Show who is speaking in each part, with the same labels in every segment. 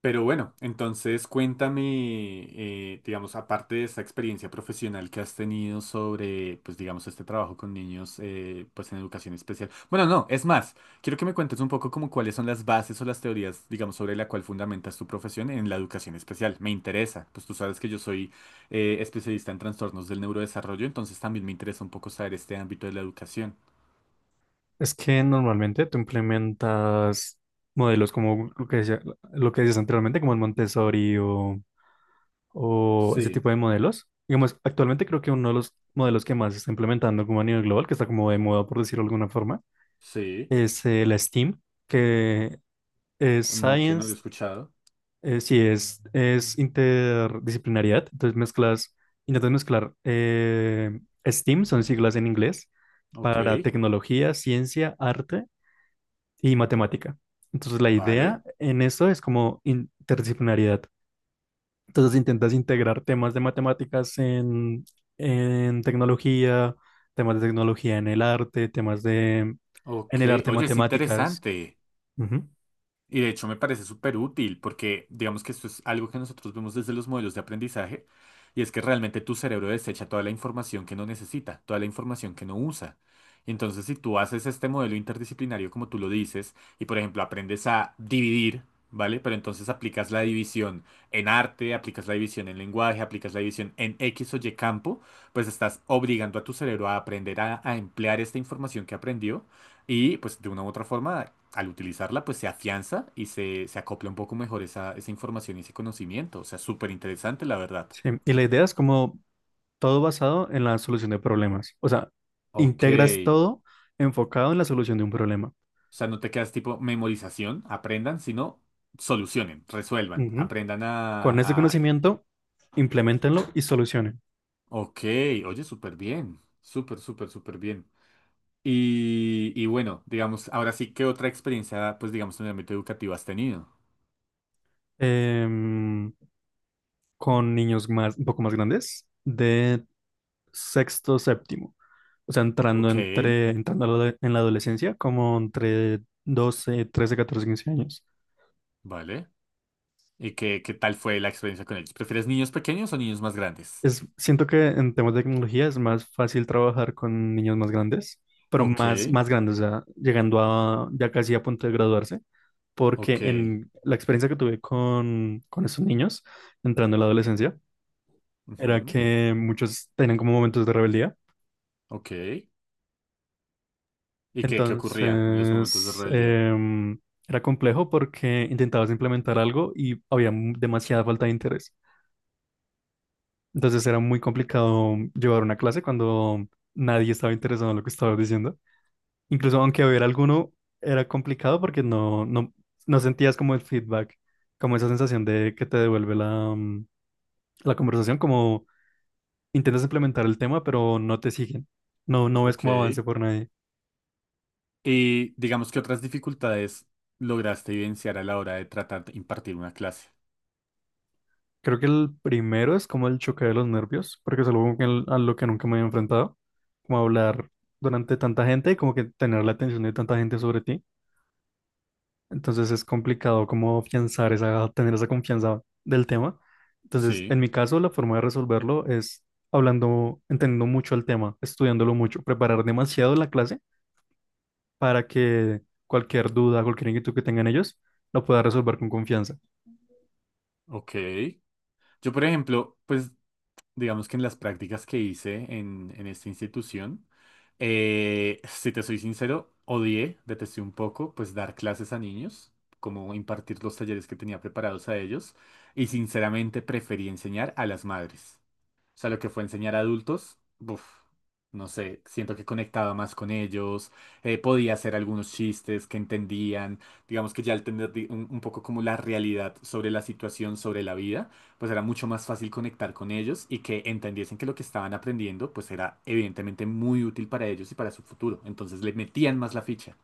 Speaker 1: Pero bueno, entonces cuéntame, digamos, aparte de esa experiencia profesional que has tenido sobre, pues digamos, este trabajo con niños, pues en educación especial. Bueno, no, es más, quiero que me cuentes un poco como cuáles son las bases o las teorías, digamos, sobre la cual fundamentas tu profesión en la educación especial. Me interesa, pues tú sabes que yo soy especialista en trastornos del neurodesarrollo, entonces también me interesa un poco saber este ámbito de la educación.
Speaker 2: Es que normalmente tú implementas modelos como lo que decía, lo que decías anteriormente, como el Montessori o ese
Speaker 1: Sí,
Speaker 2: tipo de modelos. Digamos, actualmente creo que uno de los modelos que más se está implementando como a nivel global, que está como de moda, por decirlo de alguna forma,
Speaker 1: sí,
Speaker 2: es la STEAM, que es
Speaker 1: no que no lo he
Speaker 2: Science,
Speaker 1: escuchado.
Speaker 2: sí, es interdisciplinariedad. Entonces mezclas, intentas mezclar STEAM, son siglas en inglés,
Speaker 1: Ok,
Speaker 2: para tecnología, ciencia, arte y matemática. Entonces la idea
Speaker 1: vale.
Speaker 2: en esto es como interdisciplinariedad. Entonces intentas integrar temas de matemáticas en tecnología, temas de tecnología en el arte, temas de
Speaker 1: Ok,
Speaker 2: en el arte
Speaker 1: oye, es
Speaker 2: matemáticas.
Speaker 1: interesante.
Speaker 2: Ujú.
Speaker 1: Y de hecho me parece súper útil porque digamos que esto es algo que nosotros vemos desde los modelos de aprendizaje y es que realmente tu cerebro desecha toda la información que no necesita, toda la información que no usa. Entonces, si tú haces este modelo interdisciplinario como tú lo dices y por ejemplo aprendes a dividir, ¿vale? Pero entonces aplicas la división en arte, aplicas la división en lenguaje, aplicas la división en X o Y campo, pues estás obligando a tu cerebro a aprender a emplear esta información que aprendió y pues de una u otra forma, al utilizarla, pues se afianza y se acopla un poco mejor esa información y ese conocimiento. O sea, súper interesante, la verdad.
Speaker 2: Sí, y la idea es como todo basado en la solución de problemas. O sea,
Speaker 1: Ok.
Speaker 2: integras
Speaker 1: O
Speaker 2: todo enfocado en la solución de un problema.
Speaker 1: sea, no te quedas tipo memorización, aprendan, sino solucionen, resuelvan,
Speaker 2: Ujú.
Speaker 1: aprendan
Speaker 2: Con ese
Speaker 1: a...
Speaker 2: conocimiento, implementenlo y solucionen.
Speaker 1: Ok, oye, súper bien. Súper, súper, súper bien. Y bueno, digamos, ahora sí, ¿qué otra experiencia, pues digamos, en el ámbito educativo has tenido?
Speaker 2: Em, con niños más, un poco más grandes, de sexto, séptimo. O sea, entrando,
Speaker 1: Ok,
Speaker 2: entrando a la en la adolescencia, como entre 12, 13, 14, 15 años.
Speaker 1: vale. ¿Y qué, qué tal fue la experiencia con ellos? ¿Prefieres niños pequeños o niños más grandes?
Speaker 2: Siento que en temas de tecnología es más fácil trabajar con niños más grandes, pero
Speaker 1: Ok,
Speaker 2: más, más grandes, o sea, llegando a ya casi a punto de graduarse,
Speaker 1: ok,
Speaker 2: porque en la experiencia que tuve con esos niños, entrando en la adolescencia, era
Speaker 1: ujú,
Speaker 2: que muchos tenían como momentos de rebeldía.
Speaker 1: ok. ¿Y qué, qué ocurría en los momentos de
Speaker 2: Entonces,
Speaker 1: rebeldía?
Speaker 2: era complejo porque intentabas implementar algo y había demasiada falta de interés. Entonces era muy complicado llevar una clase cuando nadie estaba interesado en lo que estabas diciendo. Incluso aunque hubiera alguno, era complicado porque no, no, no sentías como el feedback, como esa sensación de que te devuelve la conversación, como intentas implementar el tema, pero no te siguen. No, no ves
Speaker 1: Ok.
Speaker 2: como avance por nadie.
Speaker 1: Y digamos que otras dificultades lograste evidenciar a la hora de tratar de impartir una clase.
Speaker 2: Creo que el primero es como el choque de los nervios, porque es algo a lo que nunca me había enfrentado, como hablar durante tanta gente y como que tener la atención de tanta gente sobre ti. Entonces es complicado como afianzar esa, tener esa confianza del tema. Entonces,
Speaker 1: Sí,
Speaker 2: en mi caso, la forma de resolverlo es hablando, entendiendo mucho el tema, estudiándolo mucho, preparar demasiado la clase para que cualquier duda, cualquier inquietud que tengan ellos, lo pueda resolver con confianza.
Speaker 1: ok. Yo, por ejemplo, pues digamos que en las prácticas que hice en esta institución, si te soy sincero, odié, detesté un poco, pues dar clases a niños, como impartir los talleres que tenía preparados a ellos, y sinceramente preferí enseñar a las madres. O sea, lo que fue enseñar a adultos, uf, no sé, siento que conectaba más con ellos, podía hacer algunos chistes que entendían, digamos que ya al tener un poco como la realidad sobre la situación, sobre la vida, pues era mucho más fácil conectar con ellos y que entendiesen que lo que estaban aprendiendo, pues era evidentemente muy útil para ellos y para su futuro. Entonces le metían más la ficha.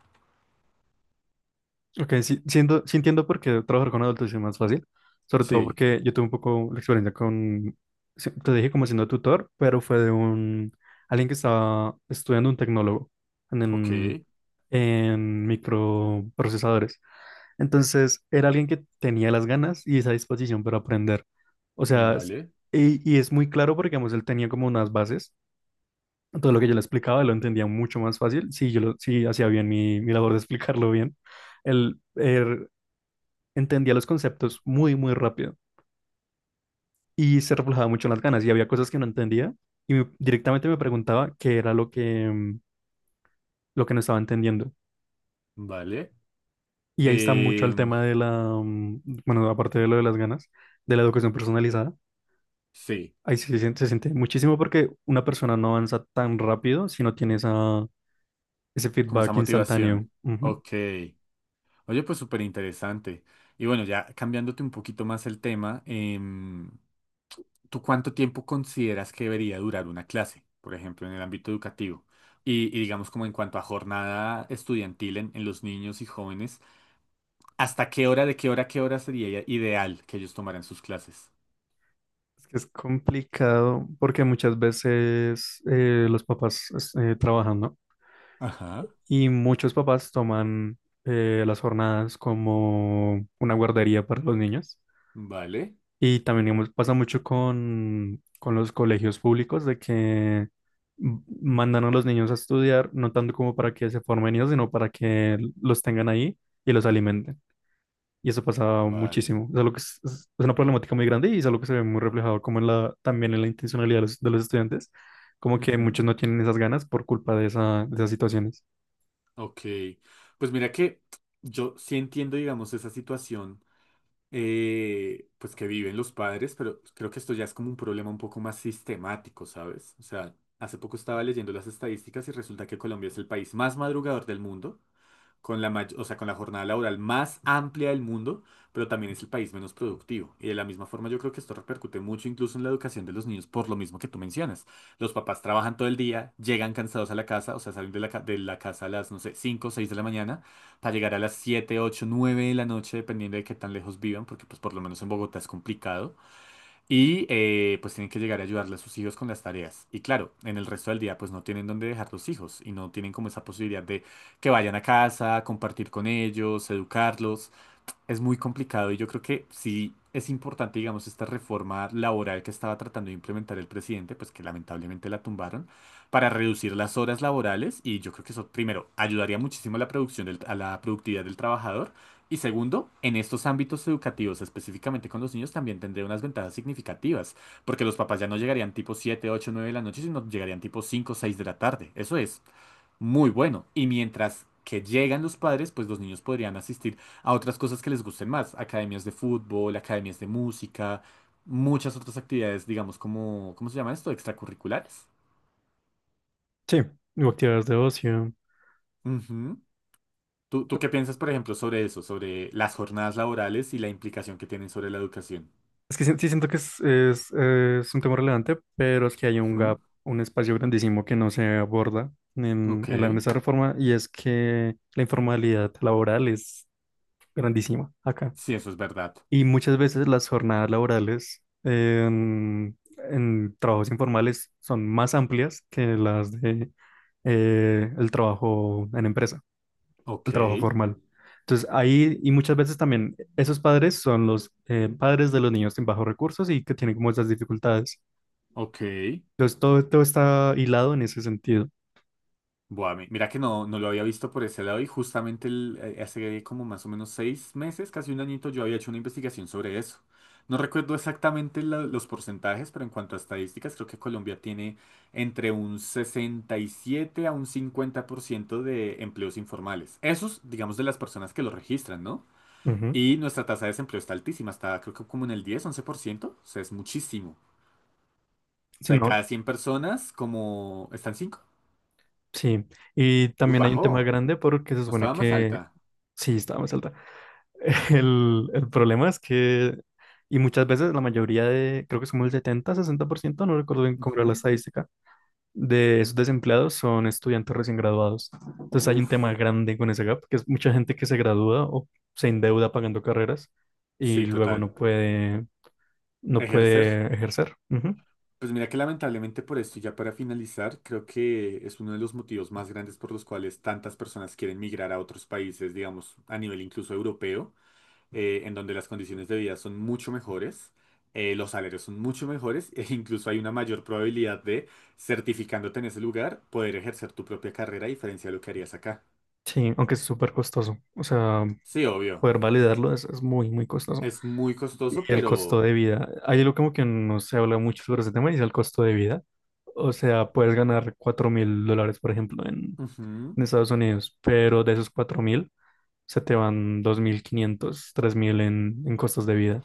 Speaker 2: Ok, sí, siento, sí entiendo por qué trabajar con adultos es más fácil, sobre todo
Speaker 1: Sí,
Speaker 2: porque yo tuve un poco la experiencia con, sí, te dije como siendo tutor, pero fue de un, alguien que estaba estudiando un tecnólogo en,
Speaker 1: ok,
Speaker 2: en microprocesadores. Entonces, era alguien que tenía las ganas y esa disposición para aprender. O sea,
Speaker 1: vale,
Speaker 2: y es muy claro porque, digamos, él tenía como unas bases, todo lo que yo le explicaba, él lo entendía mucho más fácil, si si hacía bien mi labor de explicarlo bien. Él entendía los conceptos muy, muy rápido y se reflejaba mucho en las ganas y había cosas que no entendía y directamente me preguntaba qué era lo que no estaba entendiendo.
Speaker 1: vale.
Speaker 2: Y ahí está mucho el
Speaker 1: Em,
Speaker 2: tema de la, bueno, aparte de lo de las ganas, de la educación personalizada.
Speaker 1: sí,
Speaker 2: Ahí sí se siente muchísimo porque una persona no avanza tan rápido si no tiene esa, ese
Speaker 1: como esa
Speaker 2: feedback
Speaker 1: motivación.
Speaker 2: instantáneo. Ujú.
Speaker 1: Ok. Oye, pues súper interesante. Y bueno, ya cambiándote un poquito más el tema, ¿tú cuánto tiempo consideras que debería durar una clase, por ejemplo, en el ámbito educativo? Y digamos como en cuanto a jornada estudiantil en los niños y jóvenes, ¿hasta qué hora, de qué hora, a qué hora sería ideal que ellos tomaran sus clases?
Speaker 2: Es que es complicado porque muchas veces los papás trabajan, ¿no?
Speaker 1: Ajá,
Speaker 2: Y muchos papás toman las jornadas como una guardería para los niños.
Speaker 1: vale,
Speaker 2: Y también digamos, pasa mucho con los colegios públicos de que mandan a los niños a estudiar, no tanto como para que se formen ellos, sino para que los tengan ahí y los alimenten. Y eso pasa
Speaker 1: vale.
Speaker 2: muchísimo. Es algo que es una problemática muy grande y es algo que se ve muy reflejado como en la, también en la intencionalidad de de los estudiantes, como que muchos
Speaker 1: Ujú,
Speaker 2: no tienen esas ganas por culpa de esa, de esas situaciones.
Speaker 1: ok, pues mira que yo sí entiendo, digamos, esa situación pues que viven los padres, pero creo que esto ya es como un problema un poco más sistemático, ¿sabes? O sea, hace poco estaba leyendo las estadísticas y resulta que Colombia es el país más madrugador del mundo, con la o sea, con la jornada laboral más amplia del mundo, pero también es el país menos productivo. Y de la misma forma yo creo que esto repercute mucho incluso en la educación de los niños por lo mismo que tú mencionas. Los papás trabajan todo el día, llegan cansados a la casa, o sea, salen de de la casa a las, no sé, 5 o 6 de la mañana para llegar a las 7, 8, 9 de la noche, dependiendo de qué tan lejos vivan, porque pues por lo menos en Bogotá es complicado. Y pues tienen que llegar a ayudarle a sus hijos con las tareas. Y claro, en el resto del día pues no tienen dónde dejar los hijos y no tienen como esa posibilidad de que vayan a casa, compartir con ellos, educarlos. Es muy complicado y yo creo que sí es importante, digamos, esta reforma laboral que estaba tratando de implementar el presidente, pues que lamentablemente la tumbaron, para reducir las horas laborales y yo creo que eso, primero, ayudaría muchísimo a la a la productividad del trabajador y segundo, en estos ámbitos educativos, específicamente con los niños, también tendría unas ventajas significativas, porque los papás ya no llegarían tipo 7 8 9 de la noche, sino llegarían tipo 5 6 de la tarde. Eso es muy bueno. Y mientras que llegan los padres, pues los niños podrían asistir a otras cosas que les gusten más, academias de fútbol, academias de música, muchas otras actividades, digamos, como, ¿cómo se llama esto? Extracurriculares.
Speaker 2: Sí, o actividades de ocio.
Speaker 1: Ujú. ¿Tú qué piensas, por ejemplo, sobre eso, sobre las jornadas laborales y la implicación que tienen sobre la educación?
Speaker 2: Es que sí, sí siento que es un tema relevante, pero es que hay un
Speaker 1: Ujú.
Speaker 2: gap, un espacio grandísimo que no se aborda en,
Speaker 1: Ok.
Speaker 2: en la, en esa reforma y es que la informalidad laboral es grandísima acá.
Speaker 1: Sí, eso es verdad.
Speaker 2: Y muchas veces las jornadas laborales en trabajos informales son más amplias que las de el trabajo en empresa, al
Speaker 1: Ok.
Speaker 2: trabajo formal. Entonces, ahí, y muchas veces también esos padres son los padres de los niños con bajos recursos y que tienen como esas dificultades.
Speaker 1: Ok.
Speaker 2: Entonces, todo está hilado en ese sentido.
Speaker 1: Buah, mira que no, no lo había visto por ese lado y justamente hace como más o menos 6 meses, casi un añito, yo había hecho una investigación sobre eso. No recuerdo exactamente los porcentajes, pero en cuanto a estadísticas, creo que Colombia tiene entre un 67 a un 50% de empleos informales. Esos, digamos, de las personas que los registran, ¿no?
Speaker 2: Ujú.
Speaker 1: Y nuestra tasa de desempleo está altísima, está creo que como en el 10, 11%, o sea, es muchísimo. O
Speaker 2: Sí,
Speaker 1: sea, de
Speaker 2: no,
Speaker 1: cada 100 personas, como... ¿Están 5
Speaker 2: sí. Y
Speaker 1: Uy,
Speaker 2: también hay un tema
Speaker 1: bajó.
Speaker 2: grande porque se
Speaker 1: No
Speaker 2: supone
Speaker 1: estaba más
Speaker 2: que,
Speaker 1: alta.
Speaker 2: sí, está más alta. El problema es que, y muchas veces la mayoría de, creo que es como el 70, 60%, no recuerdo bien cómo era la
Speaker 1: Ujú.
Speaker 2: estadística, de esos desempleados son estudiantes recién graduados. Entonces hay un tema
Speaker 1: Uf,
Speaker 2: grande con ese gap, que es mucha gente que se gradúa o se endeuda pagando carreras y
Speaker 1: sí,
Speaker 2: luego
Speaker 1: total.
Speaker 2: no puede, no
Speaker 1: Ejercer.
Speaker 2: puede ejercer. Ujú.
Speaker 1: Pues mira que lamentablemente por esto, y ya para finalizar, creo que es uno de los motivos más grandes por los cuales tantas personas quieren migrar a otros países, digamos, a nivel incluso europeo, en donde las condiciones de vida son mucho mejores, los salarios son mucho mejores, e incluso hay una mayor probabilidad de, certificándote en ese lugar, poder ejercer tu propia carrera a diferencia de lo que harías acá.
Speaker 2: Sí, aunque es súper costoso. O sea,
Speaker 1: Sí, obvio.
Speaker 2: poder validarlo es muy, muy costoso.
Speaker 1: Es muy
Speaker 2: Y
Speaker 1: costoso,
Speaker 2: el costo
Speaker 1: pero...
Speaker 2: de vida. Hay algo como que no se habla mucho sobre ese tema y es el costo de vida. O sea, puedes ganar $4,000, por ejemplo, en,
Speaker 1: ujú.
Speaker 2: en Estados Unidos, pero de esos 4,000, se te van 2,500 3,000 en costos de vida.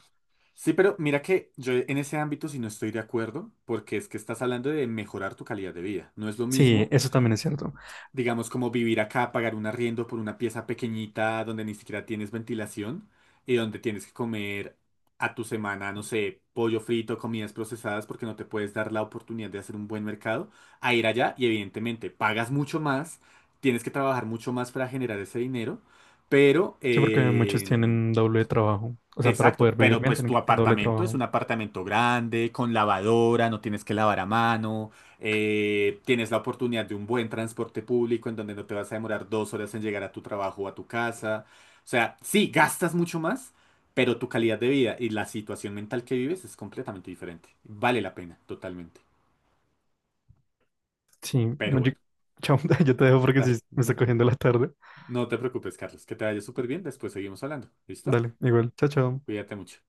Speaker 1: Sí, pero mira que yo en ese ámbito sí no estoy de acuerdo, porque es que estás hablando de mejorar tu calidad de vida. No es lo
Speaker 2: Sí,
Speaker 1: mismo,
Speaker 2: eso también es cierto.
Speaker 1: digamos, como vivir acá, pagar un arriendo por una pieza pequeñita donde ni siquiera tienes ventilación y donde tienes que comer a tu semana, no sé, pollo frito, comidas procesadas, porque no te puedes dar la oportunidad de hacer un buen mercado, a ir allá y evidentemente pagas mucho más, tienes que trabajar mucho más para generar ese dinero, pero...
Speaker 2: Sí, porque muchos tienen doble trabajo. O sea, para
Speaker 1: exacto,
Speaker 2: poder vivir
Speaker 1: pero
Speaker 2: bien
Speaker 1: pues
Speaker 2: tienen que
Speaker 1: tu
Speaker 2: tener doble
Speaker 1: apartamento es
Speaker 2: trabajo.
Speaker 1: un apartamento grande, con lavadora, no tienes que lavar a mano, tienes la oportunidad de un buen transporte público en donde no te vas a demorar 2 horas en llegar a tu trabajo o a tu casa. O sea, sí, gastas mucho más, pero tu calidad de vida y la situación mental que vives es completamente diferente. Vale la pena, totalmente.
Speaker 2: Sí,
Speaker 1: Pero
Speaker 2: bueno,
Speaker 1: bueno,
Speaker 2: chao, yo te dejo porque sí,
Speaker 1: dale,
Speaker 2: me está
Speaker 1: no,
Speaker 2: cogiendo la tarde.
Speaker 1: no te preocupes, Carlos, que te vaya súper bien, después seguimos hablando. ¿Listo?
Speaker 2: Dale, igual, chao, chao.
Speaker 1: Cuídate mucho.